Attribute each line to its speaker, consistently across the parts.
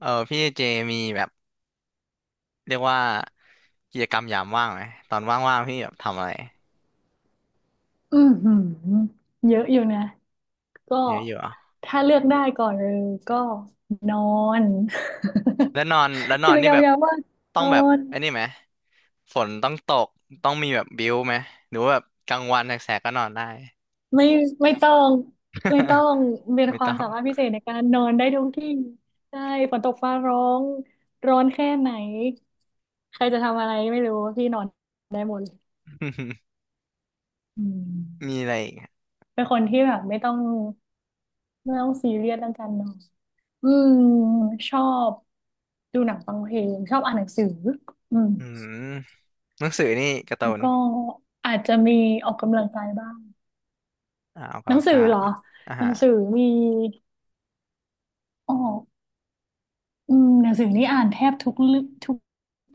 Speaker 1: เออพี่เจมีแบบเรียกว่ากิจกรรมยามว่างไหมตอนว่างๆพี่แบบทำอะไร
Speaker 2: อือหือเยอะอยู่นะก็
Speaker 1: เยอะอยู่อ่ะ
Speaker 2: ถ้าเลือกได้ก่อนเลยก็นอน
Speaker 1: แล้วนอนแล้ว นอ
Speaker 2: กิ
Speaker 1: น
Speaker 2: จก
Speaker 1: นี่
Speaker 2: รร
Speaker 1: แบ
Speaker 2: ม
Speaker 1: บ
Speaker 2: ยามว่างน
Speaker 1: ต้อง
Speaker 2: อ
Speaker 1: แบบ
Speaker 2: น
Speaker 1: ไอ้นี่ไหมฝนต้องตกต้องมีแบบบิ้วไหมหรือว่าแบบกลางวันแสกๆก็นอนได้
Speaker 2: ไม่ไม่ต้องไม่ต้องเป็ น
Speaker 1: ไม่
Speaker 2: ควา
Speaker 1: ต้
Speaker 2: ม
Speaker 1: อง
Speaker 2: สามารถพิเศษในการนอนได้ทุกที่ใช่ฝนตกฟ้าร้องร้อนแค่ไหนใครจะทำอะไรไม่รู้พี่นอนได้หมดเลย อืม
Speaker 1: มีอะไรอีกอะ
Speaker 2: เป็นคนที่แบบไม่ต้องซีเรียสเรื่องการนอนอืมชอบดูหนังฟังเพลงชอบอ่านหนังสืออืม
Speaker 1: อืมหนังสือนี่การ์ตู
Speaker 2: แล้ว
Speaker 1: น
Speaker 2: ก็อาจจะมีออกกำลังกายบ้าง
Speaker 1: อ่าออก
Speaker 2: หนั
Speaker 1: กำลั
Speaker 2: ง
Speaker 1: ง
Speaker 2: สือ
Speaker 1: กา
Speaker 2: เหร
Speaker 1: ย
Speaker 2: อ
Speaker 1: อ่า
Speaker 2: หนั
Speaker 1: ฮะ
Speaker 2: งสือมีออกอืมหนังสือนี่อ่านแทบทุกเรื่องทุก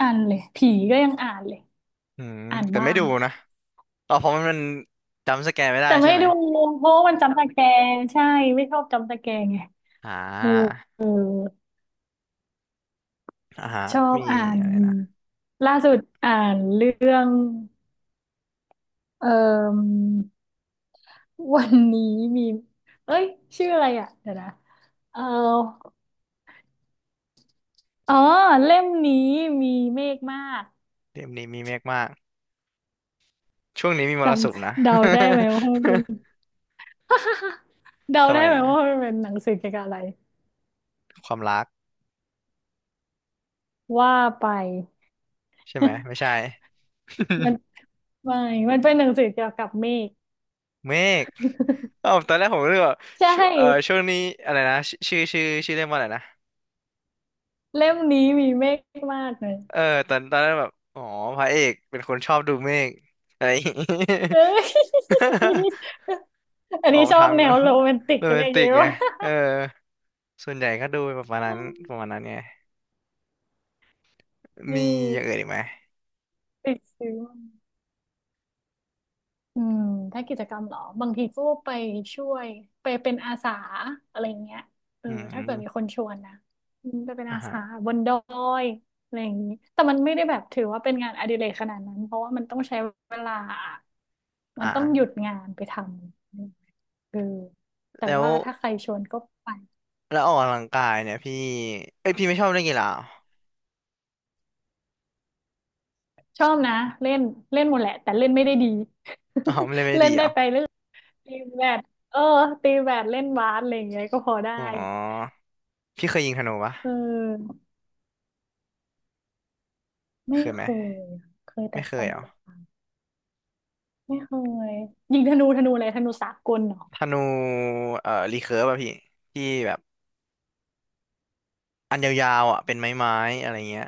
Speaker 2: อันเลยผีก็ยังอ่านเลย
Speaker 1: อืม
Speaker 2: อ่าน
Speaker 1: แต่
Speaker 2: บ้า
Speaker 1: ไม่
Speaker 2: ง
Speaker 1: ดูนะอ๋อเพราะมันจำสแกนไม่ได้
Speaker 2: แต่
Speaker 1: ใช่
Speaker 2: ไม่
Speaker 1: ไหม
Speaker 2: ดูเพราะว่ามันจำตะแกรงใช่ไม่ชอบจำตะแกรงไง
Speaker 1: อ่า
Speaker 2: เออเออ
Speaker 1: อ่าฮะ
Speaker 2: ชอบ
Speaker 1: มี
Speaker 2: อ่าน
Speaker 1: อะไรนะ
Speaker 2: ล่าสุดอ่านเรื่องเอ่อวันนี้มีเอ้ยชื่ออะไรอ่ะเดี๋ยวนะเออ อ๋อเล่มนี้มีเมฆมาก
Speaker 1: เล่มนี้มีเมฆมาก ช่วงนี้มีม
Speaker 2: จ
Speaker 1: รสุมนะ
Speaker 2: ำเดาได้ไหมว่ามันเป็น เดา
Speaker 1: ทำไม
Speaker 2: ได้ไหม
Speaker 1: นะ
Speaker 2: ว่ามันเป็นหนังสือเกี่ยวกับอะไร
Speaker 1: ความรัก
Speaker 2: ว่าไป
Speaker 1: ใช่ไหม ไม่ ใช่
Speaker 2: มันไม่มันเป็นหนังสือเกี่ยวกับเมฆ
Speaker 1: เมฆ เอ้าตอนแรกผมเลือกว่า
Speaker 2: ใช
Speaker 1: ช่วช่ว
Speaker 2: ่
Speaker 1: งนี้อะไรนะชชื่อชื่อชื่อเรียกว่าอะไรนะ
Speaker 2: เล่มนี้มีเมฆมากเลย
Speaker 1: เออตอนแรกแบบอ๋อพระเอกเป็นคนชอบดูเมฆอะไรอย่างงี้
Speaker 2: เอ้ย อั น
Speaker 1: ออ
Speaker 2: นี้
Speaker 1: ก
Speaker 2: ชอ
Speaker 1: ทา
Speaker 2: บ
Speaker 1: ง
Speaker 2: แน
Speaker 1: นะ
Speaker 2: วโรแมนติก
Speaker 1: โร
Speaker 2: อะ
Speaker 1: แม
Speaker 2: ไรอ
Speaker 1: น
Speaker 2: ย่าง
Speaker 1: ติก
Speaker 2: เงี้ย
Speaker 1: ไง
Speaker 2: วะ
Speaker 1: เออ ส่วนใหญ่ก็ดูประมาณนั้นประมาณ นั้นไง
Speaker 2: นี่
Speaker 1: มีอย่างอื่นอีกไหม
Speaker 2: ติดซื้อ อืมถ้ากิจกรรมเหรอบางทีก็ไปช่วยไปเป็นอาสาอะไรอย่างเงี้ยเออ
Speaker 1: อื
Speaker 2: ถ้าเกิดมีค
Speaker 1: ม
Speaker 2: นชวนนะอืมไปเป็น
Speaker 1: อ่า
Speaker 2: อา
Speaker 1: ฮะ
Speaker 2: สาบนดอยอะไรอย่างนี้แต่มันไม่ได้แบบถือว่าเป็นงานอดิเรกขนาดนั้นเพราะว่ามันต้องใช้เวลามันต้องหยุ
Speaker 1: อ่า
Speaker 2: ดงานไปทำเออแต่
Speaker 1: แล้ว
Speaker 2: ว่าถ้าใครชวนก็ไป
Speaker 1: แล้วออกกำลังกายเนี่ยพี่เอ้ยพี่ไม่ชอบเล่นกีฬา
Speaker 2: ชอบนะเล่นเล่นหมดแหละแต่เล่นไม่ได้ดี
Speaker 1: อ๋อมันเล่น ไม่
Speaker 2: เล่
Speaker 1: ดี
Speaker 2: น
Speaker 1: เหร
Speaker 2: ได้
Speaker 1: อ
Speaker 2: ไปเล่นตีแบดเออตีแบดเล่นบาสอะไรอย่างเงี้ยก็พอได้
Speaker 1: อ๋อพี่เคยยิงธนูปะ
Speaker 2: เออ ไม่
Speaker 1: เคยไหม
Speaker 2: เคยอะเคยแต่
Speaker 1: ไม่เค
Speaker 2: ฟั
Speaker 1: ย
Speaker 2: น
Speaker 1: เหรอ
Speaker 2: ดาบไม่เคยยิงธนูธนูอะไรธนูสากลเหรอ
Speaker 1: ธนูเอ่อรีเคิร์ฟอะพี่ที่แบบอันยาวๆอะเป็นไม้ๆอะไรเงี้ย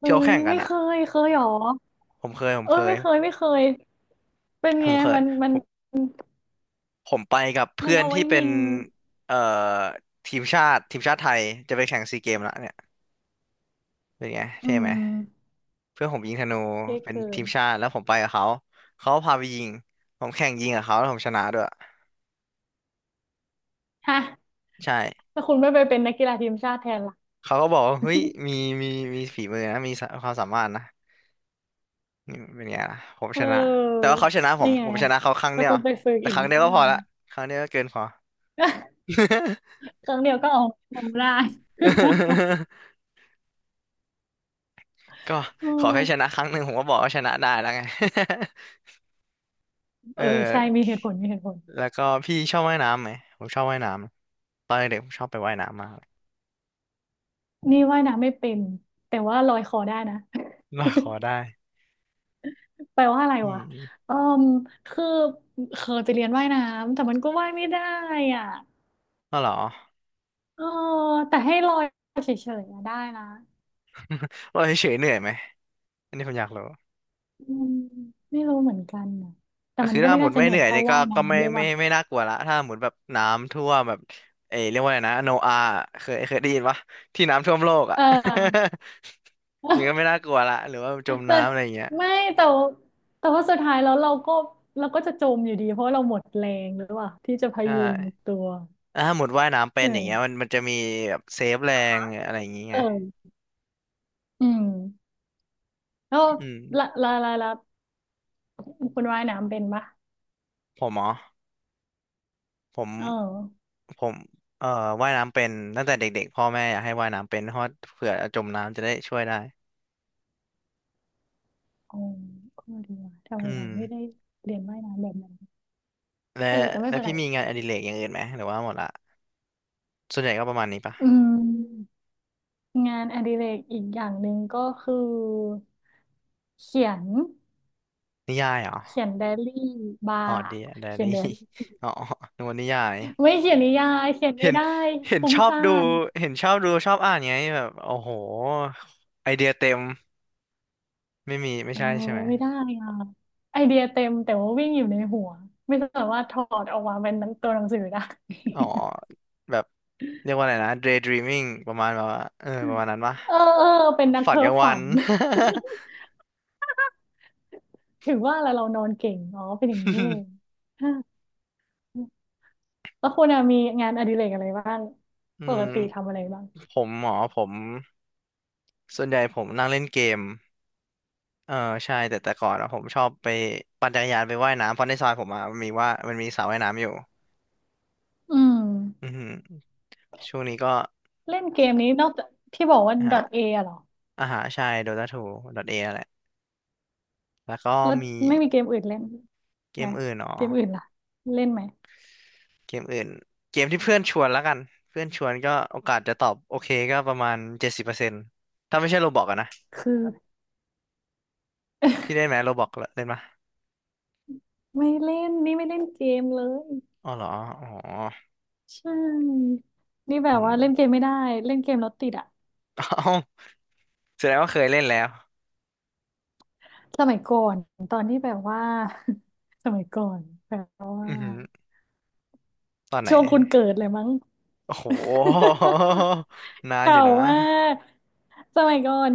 Speaker 2: เอ้
Speaker 1: ที่เขา
Speaker 2: ย
Speaker 1: แข่งกัน
Speaker 2: ไม่เค
Speaker 1: อะ
Speaker 2: ยเคยเหรอ
Speaker 1: ผมเคยผม
Speaker 2: เอ้
Speaker 1: เค
Speaker 2: ย
Speaker 1: ย
Speaker 2: ไม่เคยเป็น
Speaker 1: ผ
Speaker 2: ไง
Speaker 1: มเคย
Speaker 2: มันมั
Speaker 1: ผ
Speaker 2: น
Speaker 1: มผมไปกับ
Speaker 2: มั
Speaker 1: เพื่
Speaker 2: น
Speaker 1: อน
Speaker 2: เอาไว้
Speaker 1: ที่เป็
Speaker 2: ยิ
Speaker 1: น
Speaker 2: ง
Speaker 1: เอ่อทีมชาติไทยจะไปแข่งซีเกมละเนี่ยเป็นไง
Speaker 2: อื
Speaker 1: เท่ไหม
Speaker 2: ม
Speaker 1: เพื่อนผมยิงธนู
Speaker 2: เท่
Speaker 1: เป็น
Speaker 2: เกิ
Speaker 1: ที
Speaker 2: น
Speaker 1: มชาติแล้วผมไปกับเขาเขาพาไปยิงผมแข่งยิงกับเขาแล้วผมชนะด้วย
Speaker 2: ฮะ
Speaker 1: ใช่
Speaker 2: แล้วคุณไม่ไปเป็นนักกีฬาทีมชาติแทนล่ะ
Speaker 1: เขาก็บอกว่าเฮ้ยมีมีมีฝีมือนะมีสะความสามารถนะนี่เป็นไงล่ะผม
Speaker 2: เ
Speaker 1: ชนะแต่
Speaker 2: ออ
Speaker 1: ว่าเขาชนะผม
Speaker 2: นี่ไง
Speaker 1: ผมชนะเขาครั้ง
Speaker 2: แล้
Speaker 1: เดี
Speaker 2: ว
Speaker 1: ยว
Speaker 2: คุณไปฝึก
Speaker 1: แต่
Speaker 2: อี
Speaker 1: ค
Speaker 2: ก
Speaker 1: รั้ง
Speaker 2: นิด
Speaker 1: เดียวก็
Speaker 2: นึ
Speaker 1: พอ
Speaker 2: ง
Speaker 1: ละครั้งเดียวก็เกินพอ
Speaker 2: ครั้งเดียวก็เอาลงได้
Speaker 1: ก็
Speaker 2: เอ
Speaker 1: ขอ
Speaker 2: อ
Speaker 1: แค่ชนะครั้งหนึ่งผมก็บอกว่าชนะได้แล้วไง
Speaker 2: เอ
Speaker 1: เออ
Speaker 2: อใช่มีเหตุผลมีเหตุผล
Speaker 1: แล้วก็พี่ชอบว่ายน้ำไหมผมชอบว่ายน้ำตอนเด็กๆผมชอบไปว่ายน้ำมากเลย
Speaker 2: นี่ว่ายน้ำไม่เป็นแต่ว่าลอยคอได้นะ
Speaker 1: ลอยคอได้
Speaker 2: แปลว่าอะไร
Speaker 1: อื
Speaker 2: วะ
Speaker 1: ม
Speaker 2: เออมคือเคยไปเรียนว่ายน้ำแต่มันก็ว่ายไม่ได้อ่ะ
Speaker 1: ก็เหรอ
Speaker 2: เออแต่ให้ลอยเฉยๆอะได้นะ
Speaker 1: ลอยเฉยๆเหนื่อยไหมอันนี้ผมอยากรู้
Speaker 2: อืมไม่รู้เหมือนกันนะแต่
Speaker 1: ก็
Speaker 2: มั
Speaker 1: คื
Speaker 2: น
Speaker 1: อ
Speaker 2: ก็
Speaker 1: ถ้า
Speaker 2: ไม่
Speaker 1: หม
Speaker 2: น่า
Speaker 1: ด
Speaker 2: จะ
Speaker 1: ไม่
Speaker 2: เหนื่
Speaker 1: เห
Speaker 2: อ
Speaker 1: นื่
Speaker 2: ย
Speaker 1: อย
Speaker 2: เท่า
Speaker 1: เนี่ยก็
Speaker 2: ว่าย
Speaker 1: ก็ไม่
Speaker 2: น้ำเลย
Speaker 1: ไม่
Speaker 2: ว่ะ
Speaker 1: ไม่น่ากลัวละถ้าหมดแบบน้ำท่วมแบบเอยเรียกว่าอะไรนะโนอาเคยได้ยินปะที่น้ำท่วมโลกอ่ะ
Speaker 2: เออ
Speaker 1: อย่างนี้ก็ไม่น่า กลัวละหรือว่าจม
Speaker 2: แต่
Speaker 1: น้ำอะไรอย่างเงี้ย
Speaker 2: ไม่แต่วแต่ว่าสุดท้ายแล้วเราก็เราก็จะจมอยู่ดีเพราะเราหมดแรงหรือเปล่าที่จะพ
Speaker 1: ใช่
Speaker 2: ยุงตัว
Speaker 1: แล้วถ้าหมดว่ายน้ำเป็
Speaker 2: ใช่
Speaker 1: นอ
Speaker 2: ไหม
Speaker 1: ย่างเงี้ยมันจะมีแบบเซฟแรงอะไรอย่างเงี้
Speaker 2: เอ
Speaker 1: ย
Speaker 2: ออืมแล้ว
Speaker 1: อืม
Speaker 2: ละคุณว่ายน้ำเป็นปะ
Speaker 1: ผมเหรอผม
Speaker 2: เออ
Speaker 1: ผมเอ่อว่ายน้ำเป็นตั้งแต่เด็กๆพ่อแม่อยากให้ว่ายน้ำเป็นเพราะเผื่อจมน้ำจะได้ช่วยได้
Speaker 2: อ๋อก็ดีว่ะทำไม
Speaker 1: อื
Speaker 2: เรา
Speaker 1: ม
Speaker 2: ไม่ได้เรียนว่ายน้ำแบบนั้น
Speaker 1: และ
Speaker 2: เออแต่ไม่
Speaker 1: และ
Speaker 2: เป็นไร
Speaker 1: พี่มีงานอดิเรกอย่างอื่นไหมหรือว่าหมดละส่วนใหญ่ก็ประมาณนี้ปะ
Speaker 2: อืมงานอดิเรกอีกอย่างหนึ่งก็คือเขียน
Speaker 1: นิยายเหรอ
Speaker 2: เขียนไดอารี่บา
Speaker 1: อ๋อ
Speaker 2: ร์
Speaker 1: เดียได อา
Speaker 2: เขียน
Speaker 1: รี่
Speaker 2: ไดอารี่
Speaker 1: อ๋อนึกว่านิยาย
Speaker 2: ไม่เขียนนิยายเขียน
Speaker 1: เห็
Speaker 2: ไม่
Speaker 1: น
Speaker 2: ได้
Speaker 1: เห็น
Speaker 2: ฟุ้
Speaker 1: ช
Speaker 2: ง
Speaker 1: อบ
Speaker 2: ซ่า
Speaker 1: ดู
Speaker 2: น
Speaker 1: เห็นชอบดู ชอบอ่านไงแบบโอ้โหไอเดียเต็มไม่มี ไม่
Speaker 2: เออ
Speaker 1: ใช่ใช่ไหม
Speaker 2: ไม่ได้อ่ะไอเดียเต็มแต่ว่าวิ่งอยู่ในหัวไม่สามารถถอดออกมาเป็นหนังตัวหนังสือได้
Speaker 1: อ๋อแบบ เรียกว่าอะไรนะ daydreaming ประมาณแบบว่าเออประมาณนั้นปะ
Speaker 2: เออเออเป็นนัก
Speaker 1: ฝัน
Speaker 2: เพ้อ
Speaker 1: กลางวั
Speaker 2: ฝั
Speaker 1: น
Speaker 2: น ถึงว่าแล้วเรานอนเก่งอ๋อเป็นอย่างนี้เอง ฮะแล้วคุณอะมีงานอดิเรกอะไรบ้าง
Speaker 1: อื
Speaker 2: ป
Speaker 1: ม
Speaker 2: กติทำอะไรบ้าง
Speaker 1: ผมส่วนใหญ่ผมนั่งเล่นเกม เออใช่แต่แต่ก่อนอะผมชอบไปปั่นจักรยานไปว่ายน้ำเพราะในซอยผมอะมันมีสระว่ายน้ำอยู่
Speaker 2: อืม
Speaker 1: อือหือ ช่วงนี้ก็
Speaker 2: เล่นเกมนี้นอกจากที่บอกว่า
Speaker 1: นะฮะ
Speaker 2: dot .a อะเหรอ
Speaker 1: อาหารชายโดตาทูดอเอแหละแล้วก็
Speaker 2: แล้ว
Speaker 1: มี
Speaker 2: ไม่มีเกมอื่นเล่น
Speaker 1: เก
Speaker 2: ไหม
Speaker 1: มอื่นอ๋อ
Speaker 2: เกมอื่นล่ะเล่นไหม
Speaker 1: เกมอื่นเกมที่เพื่อนชวนแล้วกันเพื่อนชวนก็โอกาสจะตอบโอเคก็ประมาณ70%ถ้าไม่ใช่โรบอกอะนะ
Speaker 2: คือ
Speaker 1: พี่เล่นไหมโรบอกเล่นปะ
Speaker 2: ไม่เล่นนี่ไม่เล่นเกมเลย
Speaker 1: อ๋อเหรออ๋อ
Speaker 2: ใช่นี่แบ
Speaker 1: อื
Speaker 2: บ
Speaker 1: ม
Speaker 2: ว่าเล่นเกมไม่ได้เล่นเกมแล้วติดอะ
Speaker 1: เอ้าแสดงว่าเคยเล่นแล้ว
Speaker 2: สมัยก่อนตอนที่แบบว่า สมัยก่อนแบบว่า
Speaker 1: อือหือตอนไหน
Speaker 2: ช่วงคุณเกิดเลยมั้ง
Speaker 1: โอ้โห นา นอ
Speaker 2: เก่า
Speaker 1: ยู่นะ
Speaker 2: มากสมัยก่อน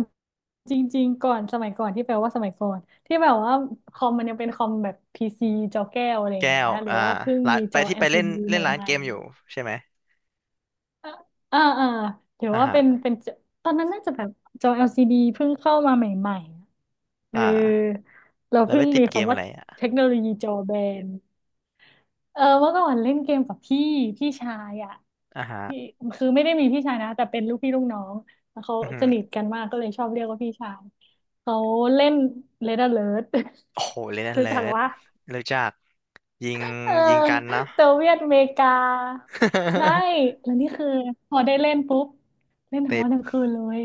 Speaker 2: จริงๆก่อนสมัยก่อนที่แปลว่าสมัยก่อนที่แบบว่าคอมมันยังเป็นคอมแบบพีซีจอแก้วอะไรอย่าง
Speaker 1: แก้
Speaker 2: เงี้
Speaker 1: ว
Speaker 2: ยหรือ
Speaker 1: อ่า
Speaker 2: ว่าเพิ่ง
Speaker 1: ร้าน
Speaker 2: มี
Speaker 1: ไป
Speaker 2: จอ
Speaker 1: ที่ไปเล่น
Speaker 2: LCD
Speaker 1: เล่
Speaker 2: ให
Speaker 1: นร้าน
Speaker 2: ม่
Speaker 1: เกมอยู่ใช่ไหม
Speaker 2: ๆอ่าอ่าหรือ
Speaker 1: อ่า
Speaker 2: ว่า
Speaker 1: ฮะ
Speaker 2: เป็นเป็นจอตอนนั้นน่าจะแบบจอ LCD เพิ่งเข้ามาใหม่ๆเออ
Speaker 1: อ่า
Speaker 2: เรา
Speaker 1: แล้วไป
Speaker 2: เพิ่ง
Speaker 1: ติด
Speaker 2: มี
Speaker 1: เกม
Speaker 2: คำว่า
Speaker 1: อะไรอ่ะ
Speaker 2: เทคโนโลยีจอแบน เออเมื่อก่อนเล่นเกมกับพี่พี่ชายอ่ะ
Speaker 1: อ่าฮะ
Speaker 2: พี่คือไม่ได้มีพี่ชายนะแต่เป็นลูกพี่ลูกน้องแล้วเขา
Speaker 1: อือฮึ
Speaker 2: สนิทกันมากก็เลยชอบเรียกว่าพี่ชายเขาเล่น Red Alert
Speaker 1: โอ้โหเล่น
Speaker 2: รู้
Speaker 1: เลิ
Speaker 2: จัก
Speaker 1: ศ
Speaker 2: ว่า
Speaker 1: รู้จักยิง
Speaker 2: เออ
Speaker 1: ยิงกันเนาะ
Speaker 2: โซเวียตอเมริกาใช่แล้วนี่คือพอได้เล่นปุ๊บเล่น ทั้ง
Speaker 1: ติ
Speaker 2: วั
Speaker 1: ด
Speaker 2: นทั้งคืนเลย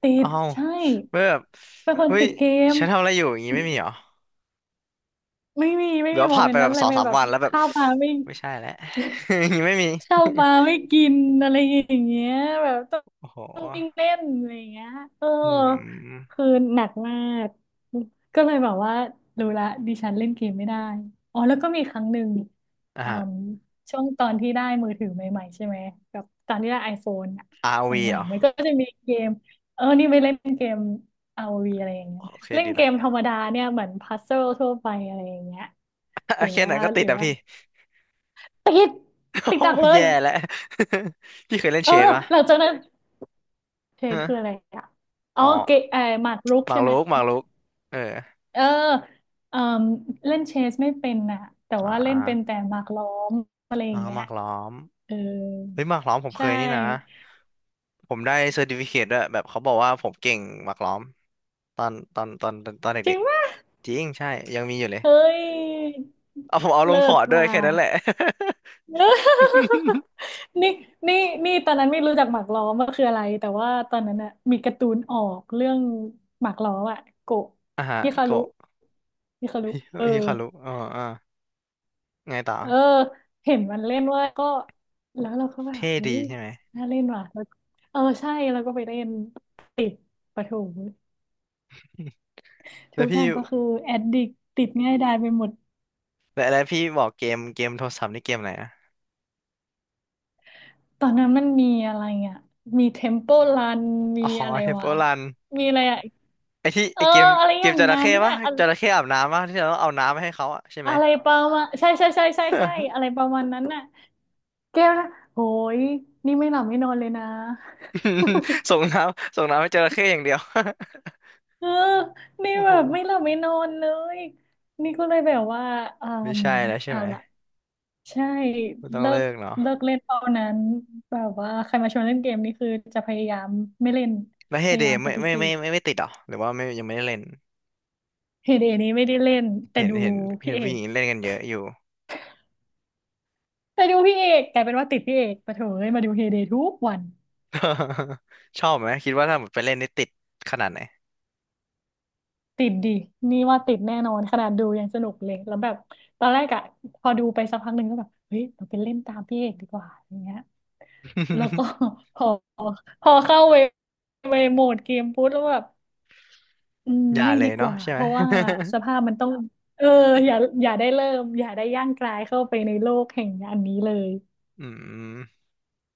Speaker 2: ติ
Speaker 1: เอ้า
Speaker 2: ดใช่
Speaker 1: แบบ
Speaker 2: เป็นคน
Speaker 1: เฮ้ย
Speaker 2: ติดเกม
Speaker 1: ฉันทำอะไรอยู่อย่างงี้ไม่มีเหรอ
Speaker 2: ไม่มีไม่
Speaker 1: หรือ
Speaker 2: มี
Speaker 1: ว่า
Speaker 2: โม
Speaker 1: ผ่าน
Speaker 2: เม
Speaker 1: ไป
Speaker 2: นต์
Speaker 1: แบ
Speaker 2: นั้น
Speaker 1: บ
Speaker 2: เล
Speaker 1: ส
Speaker 2: ย
Speaker 1: อง
Speaker 2: ไม่
Speaker 1: สาม
Speaker 2: แบบ
Speaker 1: วันแล้วแบบ
Speaker 2: ข้าวปลาไม่
Speaker 1: ไม่ใช่แล้ว อย่างงี้ไม่มี
Speaker 2: เช่า มาไม่กินอะไรอย่างเงี้ยแบบต้อง
Speaker 1: โอ้โห
Speaker 2: วิ่งเล่นอะไรอย่างเงี้ยเออ
Speaker 1: อืม
Speaker 2: คือหนักมากก็เลยแบบว่ารู้ละดิฉันเล่นเกมไม่ได้อ๋อแล้วก็มีครั้งหนึ่ง
Speaker 1: อ่า
Speaker 2: อื
Speaker 1: ฮะ
Speaker 2: มช่วงตอนที่ได้มือถือใหม่ๆใช่ไหมกับตอนที่ได้ไอโฟนอะ
Speaker 1: อาร์วี
Speaker 2: ให
Speaker 1: เห
Speaker 2: ม่
Speaker 1: รอ
Speaker 2: ๆมันก็จะมีเกมเออนี่ไปเล่นเกม r o ีอะไรอย่างเงี้ย
Speaker 1: โอเค
Speaker 2: เล่น
Speaker 1: ดี
Speaker 2: เก
Speaker 1: ละ
Speaker 2: มธรรมดาเนี่ยเหมือนพัซเซิลทั่วไปอะไรอย่างเงี้ยหรื อ
Speaker 1: แค่
Speaker 2: ว่า
Speaker 1: นั้นก็ติ
Speaker 2: ห
Speaker 1: ด
Speaker 2: รือ
Speaker 1: อะ
Speaker 2: ว่า
Speaker 1: พี่
Speaker 2: ติด ติด
Speaker 1: โอ้
Speaker 2: ดักเลย
Speaker 1: แย่แล้ว พี่เคยเล่น
Speaker 2: เอ
Speaker 1: เช
Speaker 2: อ
Speaker 1: ดปะ
Speaker 2: หลังจากนั้นเทคืออะไร
Speaker 1: ฮะ
Speaker 2: อ่ะอ๋อ
Speaker 1: อ๋อ
Speaker 2: เกหมากรุกใช่ไหม
Speaker 1: หมากรุกเออ
Speaker 2: เออเล่นเชสไม่เป็นน่ะแต่
Speaker 1: อ่
Speaker 2: ว่าเล่นเป็นแต่
Speaker 1: า
Speaker 2: หมากล้อมอะไรอ
Speaker 1: อ่า
Speaker 2: ย่างเงี้
Speaker 1: ห
Speaker 2: ย
Speaker 1: มากล้อม
Speaker 2: เออ
Speaker 1: เฮ้ยหมากล้อมผมเค
Speaker 2: ใช่
Speaker 1: ยนี่นะผมได้เซอร์ติฟิเคตด้วยแบบเขาบอกว่าผมเก่งหมากล้อมตอน
Speaker 2: จริ
Speaker 1: เด็ก
Speaker 2: งว่า
Speaker 1: ๆจริงใช่ยังมีอยู่เลย
Speaker 2: เฮ้ย
Speaker 1: เอาผมเอาลง
Speaker 2: เลิ
Speaker 1: พอ
Speaker 2: ศ
Speaker 1: ร์ตด้วย
Speaker 2: มา
Speaker 1: แค่นั้นแหละ
Speaker 2: เออ นี่นี่นี่ตอนนั้นไม่รู้จักหมากล้อมว่าคืออะไรแต่ว่าตอนนั้นน่ะมีการ์ตูนออกเรื่องหมากล้อมอะโกะ
Speaker 1: อ่าฮะ
Speaker 2: ฮิคารุ
Speaker 1: โกะ
Speaker 2: ฮิคารุเออ
Speaker 1: ฮิคารุอ๋ออ่าไงต่อ
Speaker 2: เออเห็นมันเล่นเว่าก็แล้วเราก็แบบ
Speaker 1: เท่
Speaker 2: เฮ้
Speaker 1: ดี
Speaker 2: ย
Speaker 1: ใช่ไหม
Speaker 2: น่าเล่นว่ะแล้วเออใช่แล้วก็ไปเล่นติดปะโถ
Speaker 1: แล้
Speaker 2: ทุ
Speaker 1: ว
Speaker 2: กอ
Speaker 1: พี่
Speaker 2: ย่างก็คือแอดดิกติดง่ายดายไปหมด
Speaker 1: แล้วพี่บอกเกมโทรศัพท์นี่เกมอะไรนะ
Speaker 2: ตอนนั้นมันมีอะไรอ่ะมีเทม p ป e รันมี
Speaker 1: อ๋อ
Speaker 2: อะไร
Speaker 1: เทมเพิ
Speaker 2: วะ
Speaker 1: ลรัน
Speaker 2: มีอะไรอ่ะ
Speaker 1: ไอที่
Speaker 2: เอ
Speaker 1: ไอ
Speaker 2: อ
Speaker 1: เกม
Speaker 2: อะไร
Speaker 1: เก
Speaker 2: อ
Speaker 1: ม
Speaker 2: ย่าง
Speaker 1: จระ
Speaker 2: งั้
Speaker 1: เข้
Speaker 2: น
Speaker 1: ปะ
Speaker 2: น่ะอะ
Speaker 1: จระเข้อาบน้ำปะที่เราต้องเอาน้ำไปให้เขาอะใช่ไหม
Speaker 2: อะไรประมาณใช่ อะไรประมาณนั้นน่ะแก้วนะโหยนี่ไม่หลับไม่นอนเลยนะ
Speaker 1: ส่งน้ำส่งน้ำให้จระเข้อย่างเดียว
Speaker 2: เออนี่
Speaker 1: โอ้
Speaker 2: แบ
Speaker 1: โห
Speaker 2: บไม่หลับไม่นอนเลยนี่ก็เลยแบบว่าอื
Speaker 1: ไม่
Speaker 2: ม
Speaker 1: ใช่แล้วใช่
Speaker 2: เอา
Speaker 1: ไหม
Speaker 2: ล่ะใช่
Speaker 1: ก็ต้อง
Speaker 2: เลิ
Speaker 1: เลิ
Speaker 2: ก
Speaker 1: กเนาะ
Speaker 2: เล่นเอ่านั้นแบบว่าใครมาชวนเล่นเกมนี่คือจะพยายามไม่เล่น
Speaker 1: แล้วเฮ
Speaker 2: พยา
Speaker 1: เด
Speaker 2: ยา
Speaker 1: ย์
Speaker 2: มปฏิเสธ
Speaker 1: ไม่ติดเหรอหรือว่าไม่ยังไม่ได้เล่น
Speaker 2: เฮเดนี้ไม่ได้เล่นแต่
Speaker 1: เห็น
Speaker 2: ดู
Speaker 1: เห็นเห็
Speaker 2: พี่
Speaker 1: น
Speaker 2: เอ
Speaker 1: ผู้ห
Speaker 2: ก
Speaker 1: ญิงเล่นกันเยอะอยู่
Speaker 2: แต่ดูพี่เอกกลายเป็นว่าติดพี่เอกปะเถเอ้ยมาดูเฮเดทุกวัน
Speaker 1: ชอบไหมคิดว่าถ้าหมดไปเล่นนี่ติดขนาดไหน
Speaker 2: ติดดินี่ว่าติดแน่นอนขนาดดูยังสนุกเลยแล้วแบบตอนแรกอะพอดูไปสักพักหนึ่งก็แบบเฮ้ยเราไปเล่นตามพี่เอกดีกว่าอย่างเงี้ย แล้วก็ พอพอเข้าเวโหมดเกมปุ๊บแล้วแบบอืม
Speaker 1: อย่า
Speaker 2: ไม่
Speaker 1: เล
Speaker 2: ดี
Speaker 1: ย
Speaker 2: ก
Speaker 1: เนาะ
Speaker 2: ว่า
Speaker 1: ใช่
Speaker 2: เพ
Speaker 1: ไหม
Speaker 2: ราะว่าสภาพมันต้องเอออย่าอย่าได้เริ่มอย่าได้ย่างกรายเข้าไปในโลกแห่งอันนี้เลย
Speaker 1: อืม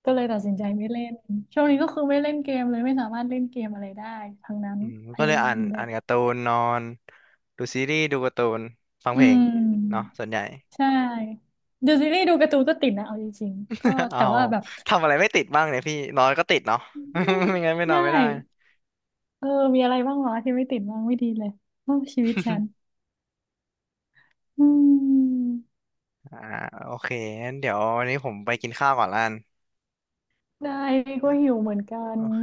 Speaker 2: ก็เลยตัดสินใจไม่เล่นช่วงนี้ก็คือไม่เล่นเกมเลยไม่สามารถเล่นเกมอะไรได้ทั้งนั้น
Speaker 1: อืม
Speaker 2: พ
Speaker 1: ก็เล
Speaker 2: ยา
Speaker 1: ย
Speaker 2: ยามแบ
Speaker 1: อ่า
Speaker 2: บ
Speaker 1: นการ์ตูนนอนดูซีรีส์ดูการ์ตูนฟัง
Speaker 2: อื
Speaker 1: เพลงเนาะ
Speaker 2: ม
Speaker 1: ส่วนใหญ่
Speaker 2: ใช่ดูซีรีส์ดูการ์ตูนก็ติดนะเอาจริงๆก็
Speaker 1: เอา
Speaker 2: แต่ว่าแบบ
Speaker 1: ทำอะไรไม่ติดบ้างเนี่ยพี่นอนก็ติดเนาะ
Speaker 2: นั่น
Speaker 1: ไม่งั้นไม่นอ
Speaker 2: ได้
Speaker 1: นไม่ได้
Speaker 2: เออมีอะไรบ้างวะที่ไม่ติดบ้างไม่ดีเลยโอ้ชีวิตฉัน อืม
Speaker 1: อ่าโอเคงั้นเดี๋ยววันนี้ผมไปกินข้าวก่อนละกัน
Speaker 2: ได้ก็หิวเหมือนกัน
Speaker 1: โอเค